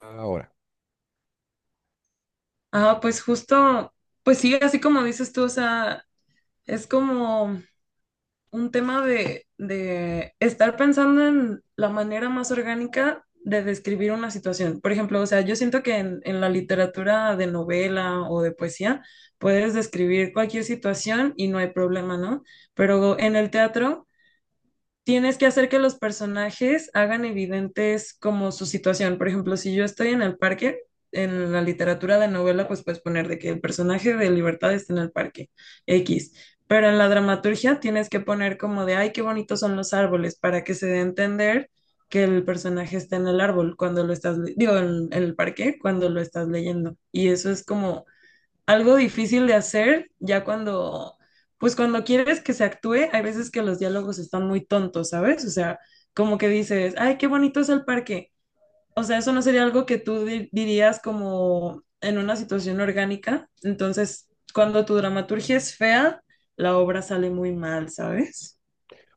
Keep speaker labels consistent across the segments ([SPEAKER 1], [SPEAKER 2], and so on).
[SPEAKER 1] Ahora.
[SPEAKER 2] Ah, pues justo, pues sí, así como dices tú, o sea, es como un tema de estar pensando en la manera más orgánica de describir una situación. Por ejemplo, o sea, yo siento que en la literatura de novela o de poesía puedes describir cualquier situación y no hay problema, ¿no? Pero en el teatro tienes que hacer que los personajes hagan evidentes como su situación. Por ejemplo, si yo estoy en el parque, en la literatura de novela, pues puedes poner de que el personaje de Libertad está en el parque, X. Pero en la dramaturgia tienes que poner como de, ay, qué bonitos son los árboles, para que se dé a entender que el personaje está en el árbol cuando lo estás, digo, en el parque cuando lo estás leyendo. Y eso es como algo difícil de hacer ya cuando, pues cuando quieres que se actúe, hay veces que los diálogos están muy tontos, ¿sabes? O sea, como que dices, ay, qué bonito es el parque. O sea, eso no sería algo que tú dirías como en una situación orgánica. Entonces, cuando tu dramaturgia es fea, la obra sale muy mal, ¿sabes?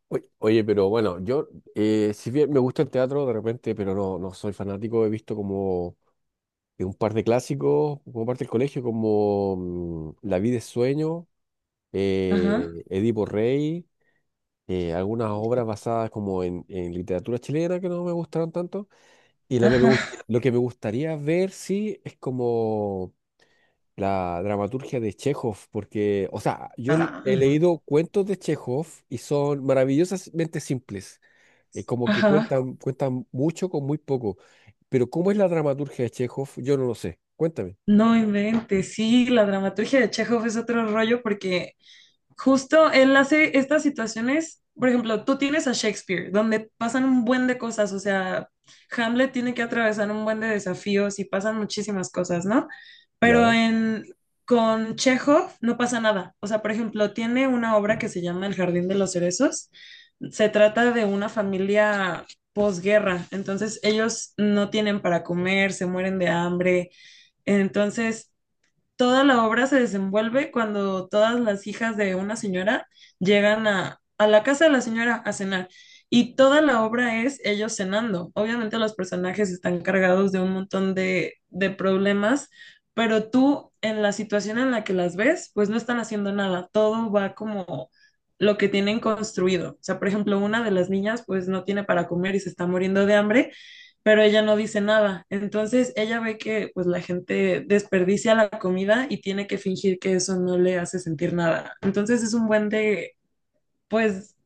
[SPEAKER 1] Oye, pero bueno, yo, si bien me gusta el teatro de repente, pero no, no soy fanático. He visto como un par de clásicos, como parte del colegio, como La vida es sueño,
[SPEAKER 2] Ajá.
[SPEAKER 1] Edipo Rey, algunas obras basadas como en literatura chilena que no me gustaron tanto. Y lo que me, gust-
[SPEAKER 2] Ajá.
[SPEAKER 1] lo que me gustaría ver, sí, es como la dramaturgia de Chekhov, porque, o sea, yo
[SPEAKER 2] Ah,
[SPEAKER 1] he leído cuentos de Chekhov y son maravillosamente simples. Como que
[SPEAKER 2] ajá.
[SPEAKER 1] cuentan mucho con muy poco. Pero ¿cómo es la dramaturgia de Chekhov? Yo no lo sé. Cuéntame.
[SPEAKER 2] No inventes. Sí, la dramaturgia de Chekhov es otro rollo porque justo él hace estas situaciones, por ejemplo, tú tienes a Shakespeare, donde pasan un buen de cosas, o sea, Hamlet tiene que atravesar un buen de desafíos y pasan muchísimas cosas, ¿no? Pero
[SPEAKER 1] Claro.
[SPEAKER 2] en, con Chekhov no pasa nada. O sea, por ejemplo, tiene una obra que se llama El Jardín de los Cerezos. Se trata de una familia posguerra, entonces ellos no tienen para comer, se mueren de hambre. Entonces, toda la obra se desenvuelve cuando todas las hijas de una señora llegan a la casa de la señora a cenar. Y toda la obra es ellos cenando. Obviamente los personajes están cargados de un montón de problemas, pero tú en la situación en la que las ves, pues no están haciendo nada. Todo va como lo que tienen construido. O sea, por ejemplo, una de las niñas pues no tiene para comer y se está muriendo de hambre pero ella no dice nada. Entonces ella ve que pues la gente desperdicia la comida y tiene que fingir que eso no le hace sentir nada. Entonces es un buen de, pues,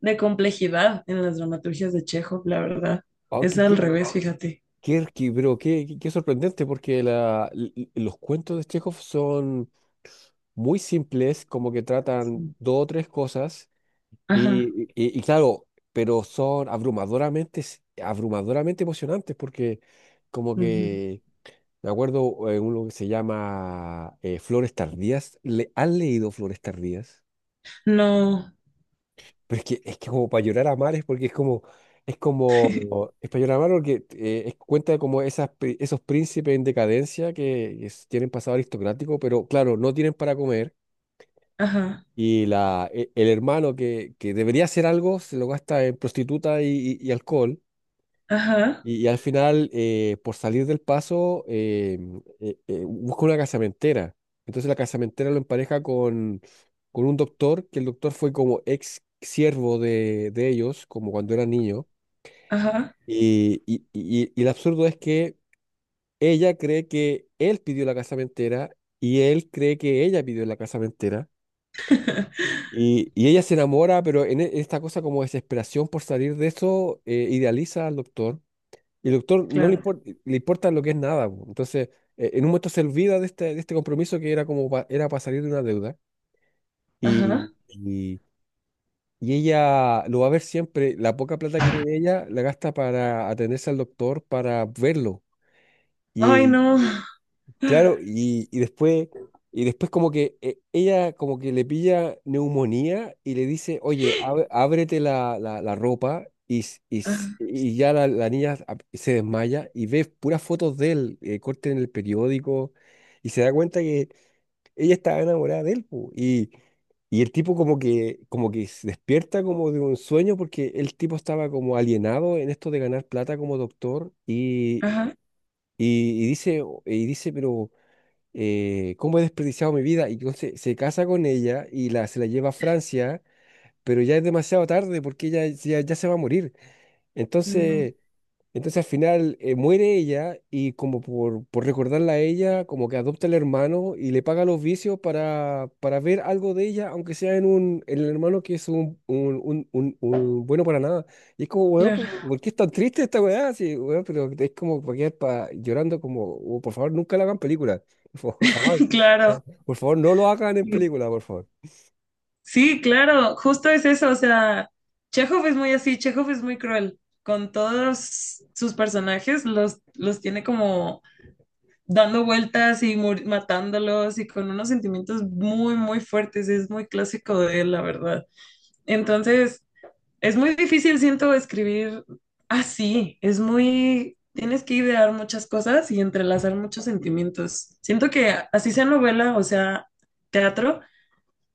[SPEAKER 2] de complejidad en las dramaturgias de Chekhov, la verdad.
[SPEAKER 1] Ah,
[SPEAKER 2] Es
[SPEAKER 1] qué,
[SPEAKER 2] al
[SPEAKER 1] qué-
[SPEAKER 2] revés, fíjate.
[SPEAKER 1] qué- qué- pero qué sorprendente, porque los cuentos de Chekhov son muy simples, como que tratan
[SPEAKER 2] Sí.
[SPEAKER 1] dos o tres cosas,
[SPEAKER 2] Ajá.
[SPEAKER 1] y claro, pero son abrumadoramente emocionantes, porque como
[SPEAKER 2] Ujú.
[SPEAKER 1] que, me acuerdo, uno que se llama Flores Tardías. Han leído Flores Tardías?
[SPEAKER 2] No.
[SPEAKER 1] Pero es que, como para llorar a mares, porque es como, es como, es para llorar a mares porque cuenta como esos príncipes en decadencia que tienen pasado aristocrático, pero claro, no tienen para comer.
[SPEAKER 2] Ajá.
[SPEAKER 1] Y el hermano que debería hacer algo se lo gasta en prostituta y, y alcohol.
[SPEAKER 2] Ajá.
[SPEAKER 1] Y al final, por salir del paso, busca una casamentera. Entonces la casamentera lo empareja con un doctor, que el doctor fue como ex siervo de ellos, como cuando era niño.
[SPEAKER 2] Ajá.
[SPEAKER 1] Y el absurdo es que ella cree que él pidió la casamentera y él cree que ella pidió la casamentera. Y ella se enamora, pero en esta cosa como desesperación por salir de eso, idealiza al doctor. Y el doctor no le
[SPEAKER 2] Claro.
[SPEAKER 1] importa, le importa lo que es nada, po. Entonces, en un momento se olvida de este compromiso que era como era para salir de una deuda. Y,
[SPEAKER 2] Ajá.
[SPEAKER 1] y, y ella lo va a ver siempre. La poca plata que tiene ella la gasta para atenderse al doctor, para verlo.
[SPEAKER 2] Ay, no.
[SPEAKER 1] Claro, y después, y después como que ella como que le pilla neumonía y le dice, oye, ábrete la ropa. y, s- y,
[SPEAKER 2] Ajá.
[SPEAKER 1] s- y ya la niña se desmaya y ve puras fotos de él, corte en el periódico, y se da cuenta que ella estaba enamorada de él, po. Y el tipo como que se despierta como de un sueño porque el tipo estaba como alienado en esto de ganar plata como doctor. y,
[SPEAKER 2] Ajá.
[SPEAKER 1] y, y dice, y dice, pero ¿cómo he desperdiciado mi vida? Y entonces se casa con ella y la, se la lleva a Francia, pero ya es demasiado tarde porque ella ya, ya se va a morir.
[SPEAKER 2] No.
[SPEAKER 1] Entonces, entonces al final muere ella y como por recordarla a ella, como que adopta al hermano y le paga los vicios para ver algo de ella, aunque sea en un en el hermano que es un, un bueno para nada. Y es como, weón, ¿por,
[SPEAKER 2] Claro.
[SPEAKER 1] por qué es tan triste esta weá? Sí, weón, pero es como para quedar llorando como, "Oh, por favor, nunca la hagan película. Por favor, jamás." Ja-
[SPEAKER 2] Claro.
[SPEAKER 1] Por favor, no lo hagan en película, por favor.
[SPEAKER 2] Sí, claro, justo es eso, o sea, Chekhov es muy así, Chekhov es muy cruel, con todos sus personajes los tiene como dando vueltas y matándolos y con unos sentimientos muy, muy fuertes, es muy clásico de él, la verdad. Entonces, es muy difícil, siento, escribir así, es muy, tienes que idear muchas cosas y entrelazar muchos sentimientos. Siento que así sea novela, o sea, teatro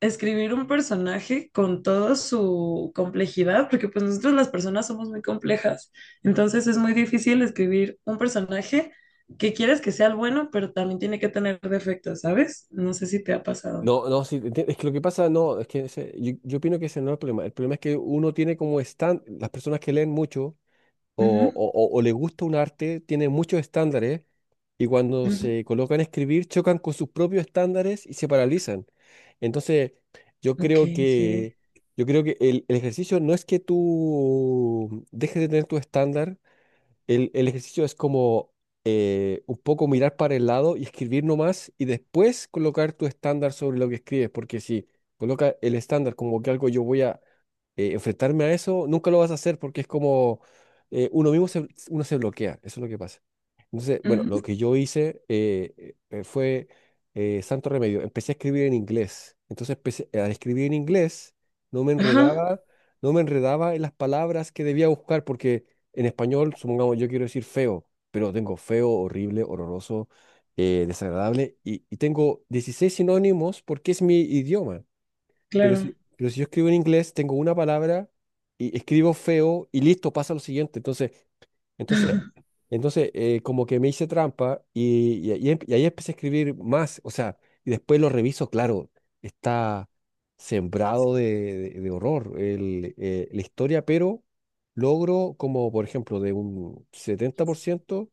[SPEAKER 2] escribir un personaje con toda su complejidad, porque pues nosotros las personas somos muy complejas, entonces es muy difícil escribir un personaje que quieres que sea el bueno, pero también tiene que tener defectos, ¿sabes? No sé si te ha pasado.
[SPEAKER 1] No, no, sí, es que lo que pasa, no, es que yo opino que ese no es el problema. El problema es que uno tiene como estándar. Las personas que leen mucho o,
[SPEAKER 2] Ujú,
[SPEAKER 1] o, o- o le gusta un arte tienen muchos estándares, y cuando
[SPEAKER 2] ujú.
[SPEAKER 1] se colocan a escribir chocan con sus propios estándares y se paralizan. Entonces, yo
[SPEAKER 2] Ok,
[SPEAKER 1] creo
[SPEAKER 2] sí.
[SPEAKER 1] que, yo creo que el ejercicio no es que tú dejes de tener tu estándar. El ejercicio es como un poco mirar para el lado y escribir nomás, y después colocar tu estándar sobre lo que escribes, porque si coloca el estándar como que algo yo voy a enfrentarme a eso, nunca lo vas a hacer, porque es como uno mismo se, uno se bloquea. Eso es lo que pasa. Entonces, bueno,
[SPEAKER 2] Ujú.
[SPEAKER 1] lo que yo hice, fue santo remedio. Empecé a escribir en inglés. Entonces empecé, al escribir en inglés, no me
[SPEAKER 2] Ajá,
[SPEAKER 1] enredaba, no me enredaba en las palabras que debía buscar, porque en español, supongamos, yo quiero decir feo, pero tengo feo, horrible, horroroso, desagradable, y tengo 16 sinónimos porque es mi idioma. Pero
[SPEAKER 2] claro,
[SPEAKER 1] si, pero si yo escribo en inglés, tengo una palabra y escribo feo y listo, pasa lo siguiente. Entonces, entonces como que me hice trampa y, y ahí empecé a escribir más, o sea, y después lo reviso. Claro, está sembrado de horror la historia, pero logro como, por ejemplo, de un 70%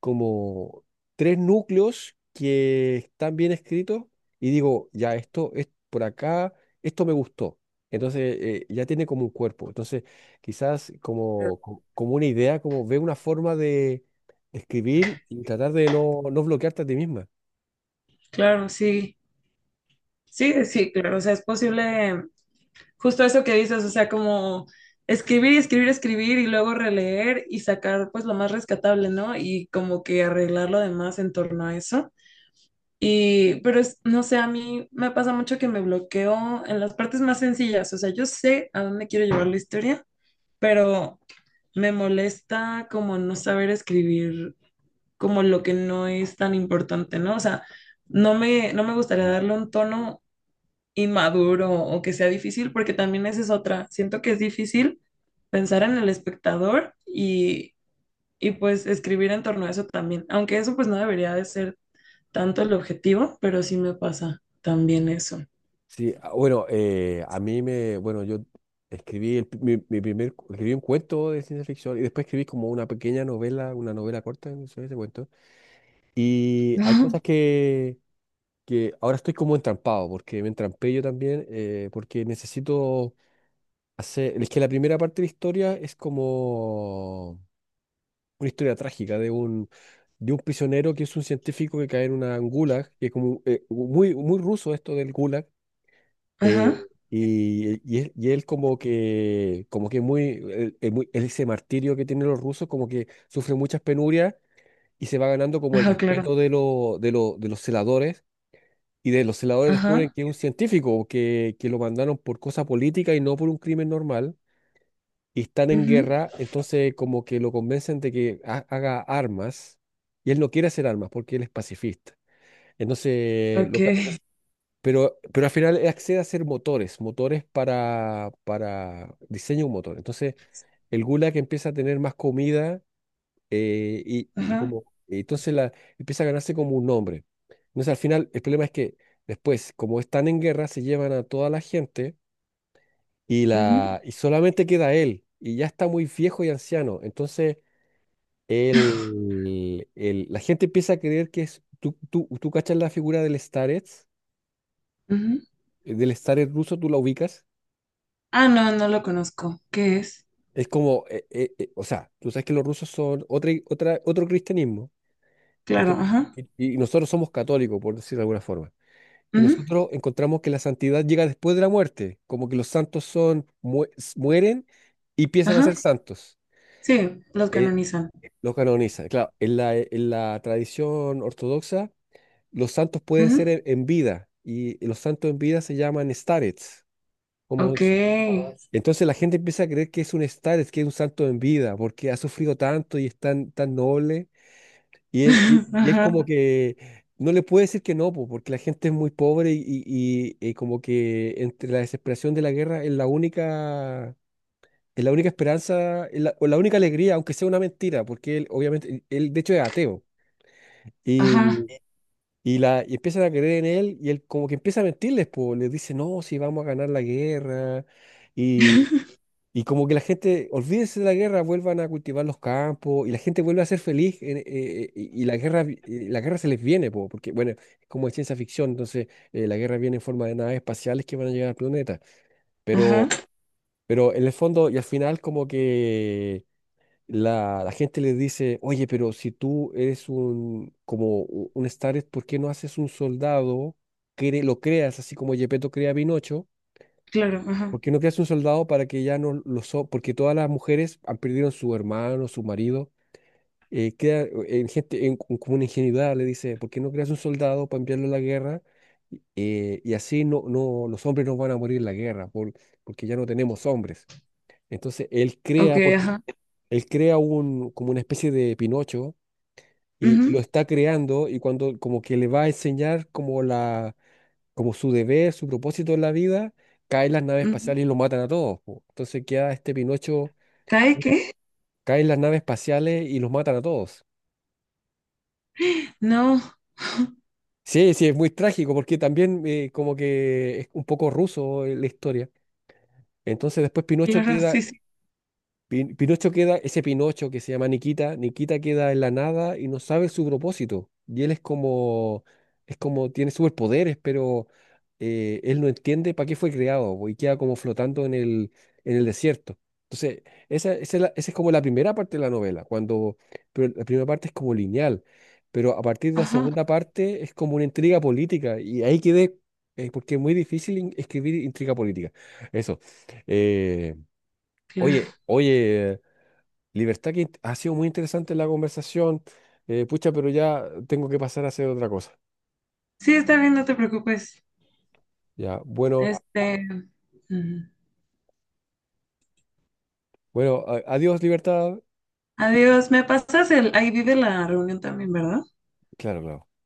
[SPEAKER 1] como tres núcleos que están bien escritos, y digo, ya esto es por acá, esto me gustó. Entonces ya tiene como un cuerpo. Entonces quizás como, como una idea, como ve una forma de escribir y tratar de no, no bloquearte a ti misma.
[SPEAKER 2] claro, sí. Sí, sí, claro, o sea, es posible. Justo eso que dices, o sea, como escribir y escribir, escribir y luego releer y sacar pues lo más rescatable, ¿no? Y como que arreglar lo demás en torno a eso. Y, pero no sé, a mí me pasa mucho que me bloqueo en las partes más sencillas, o sea, yo sé a dónde quiero llevar la historia, pero me molesta como no saber escribir como lo que no es tan importante, ¿no? O sea, no me gustaría
[SPEAKER 1] Mm.
[SPEAKER 2] darle un tono inmaduro o que sea difícil, porque también esa es otra. Siento que es difícil pensar en el espectador y pues escribir en torno a eso también, aunque eso pues no debería de ser tanto el objetivo, pero sí me pasa también eso.
[SPEAKER 1] Sí, ah, bueno, a mí me, bueno, yo escribí mi primer, escribí un cuento de ciencia ficción, y después escribí como una pequeña novela, una novela corta, no sé, ese cuento. Y hay
[SPEAKER 2] Ajá,
[SPEAKER 1] cosas que ahora estoy como entrampado, porque me entrampé yo también, porque necesito hacer, es que la primera parte de la historia es como una historia trágica de un prisionero que es un científico que cae en una en gulag, que es como muy, muy ruso esto del gulag, eh,
[SPEAKER 2] ajá,
[SPEAKER 1] él y él como que muy, ese martirio que tienen los rusos, como que sufre muchas penurias. Y se va ganando como el
[SPEAKER 2] ajá, claro.
[SPEAKER 1] respeto de los celadores. Y de los celadores descubren
[SPEAKER 2] Ajá,
[SPEAKER 1] que es un científico, que lo mandaron por cosa política y no por un crimen normal, y están en
[SPEAKER 2] ujú,
[SPEAKER 1] guerra, entonces como que lo convencen de que haga armas, y él no quiere hacer armas porque él es pacifista. Entonces,
[SPEAKER 2] ok,
[SPEAKER 1] pero al final él accede a hacer motores, motores para diseño de un motor. Entonces el Gulag empieza a tener más comida,
[SPEAKER 2] ajá,
[SPEAKER 1] como, entonces empieza a ganarse como un nombre. Entonces al final el problema es que después, como están en guerra, se llevan a toda la gente, y,
[SPEAKER 2] ujú,
[SPEAKER 1] la, y solamente queda él, y ya está muy viejo y anciano. Entonces él, la gente empieza a creer que es, tú cachas la figura
[SPEAKER 2] ujú.
[SPEAKER 1] del Starets ruso, tú la ubicas.
[SPEAKER 2] Ah, no, no lo conozco. ¿Qué es?
[SPEAKER 1] Es como, o sea, tú sabes que los rusos son otra, otra, otro cristianismo.
[SPEAKER 2] Claro,
[SPEAKER 1] Entonces,
[SPEAKER 2] ajá,
[SPEAKER 1] y, y nosotros somos católicos, por decirlo de alguna forma. Y
[SPEAKER 2] ujú,
[SPEAKER 1] nosotros encontramos que la santidad llega después de la muerte, como que los santos son, mueren y empiezan a
[SPEAKER 2] ajá,
[SPEAKER 1] ser santos.
[SPEAKER 2] sí, los
[SPEAKER 1] Eh,
[SPEAKER 2] canonizan.
[SPEAKER 1] lo canoniza. Claro, en la tradición ortodoxa, los santos pueden ser
[SPEAKER 2] Ujú.
[SPEAKER 1] en vida, y los santos en vida se llaman starets. Como,
[SPEAKER 2] Ok.
[SPEAKER 1] s- entonces la gente empieza a creer que es un starets, que es un santo en vida, porque ha sufrido tanto y es tan, tan noble. Y él, y, y él
[SPEAKER 2] Ajá,
[SPEAKER 1] como que no le puede decir que no, po, porque la gente es muy pobre, y como que entre la desesperación de la guerra es la única esperanza, o la única alegría, aunque sea una mentira, porque él obviamente, él de hecho es ateo. Y,
[SPEAKER 2] ajá.
[SPEAKER 1] y empiezan a creer en él, y él como que empieza a mentirles, pues les dice, no, si vamos a ganar la guerra. Y como que la gente, olvídense de la guerra, vuelvan a cultivar los campos, y la gente vuelve a ser feliz. Y la guerra, la guerra se les viene, po, porque bueno, es como de ciencia ficción. Entonces la guerra viene en forma de naves espaciales que van a llegar al planeta,
[SPEAKER 2] Ajá,
[SPEAKER 1] pero, pero en el fondo y al final como que la gente les dice, oye, pero si tú eres un, como un Star, ¿por qué no haces un soldado? Lo creas así como Gepetto crea a Pinocho.
[SPEAKER 2] claro, ajá.
[SPEAKER 1] Porque no creas un soldado para que ya no porque todas las mujeres han perdido su hermano, su marido. Queda en gente como una ingenuidad, le dice, ¿por qué no creas un soldado para enviarlo a la guerra? Y así no, no los hombres no van a morir en la guerra, porque ya no tenemos hombres. Entonces él
[SPEAKER 2] Ok,
[SPEAKER 1] crea, porque
[SPEAKER 2] ajá.
[SPEAKER 1] él crea un, como una especie de Pinocho, y
[SPEAKER 2] Ujú,
[SPEAKER 1] lo está creando, y cuando como que le va a enseñar como como su deber, su propósito en la vida, caen las naves
[SPEAKER 2] ujú.
[SPEAKER 1] espaciales y los matan a todos, po. Entonces queda este Pinocho,
[SPEAKER 2] ¿Cae qué?
[SPEAKER 1] caen las naves espaciales y los matan a todos.
[SPEAKER 2] No.
[SPEAKER 1] Sí, sí, es muy trágico, porque también como que es un poco ruso la historia. Entonces después Pinocho
[SPEAKER 2] Claro, sí,
[SPEAKER 1] queda
[SPEAKER 2] sí.
[SPEAKER 1] Pin- Pinocho queda, ese Pinocho que se llama Nikita, Nikita queda en la nada y no sabe su propósito. Y él es como, tiene superpoderes, pero él no entiende para qué fue creado, po, y queda como flotando en el desierto. Entonces, esa es como la primera parte de la novela, cuando, pero la primera parte es como lineal, pero a partir de la
[SPEAKER 2] Ajá,
[SPEAKER 1] segunda parte es como una intriga política y ahí quedé, porque es muy difícil escribir intriga política. Eso. Eh, Oye,
[SPEAKER 2] claro.
[SPEAKER 1] oye, Libertad, que ha sido muy interesante la conversación. Pucha, pero ya tengo que pasar a hacer otra cosa.
[SPEAKER 2] Sí, está bien, no te preocupes.
[SPEAKER 1] Ya, bueno,
[SPEAKER 2] Este. Ujú.
[SPEAKER 1] bueno, adiós, Libertad.
[SPEAKER 2] Adiós, me pasas el. Ahí vive la reunión también, ¿verdad?
[SPEAKER 1] Claro, claro.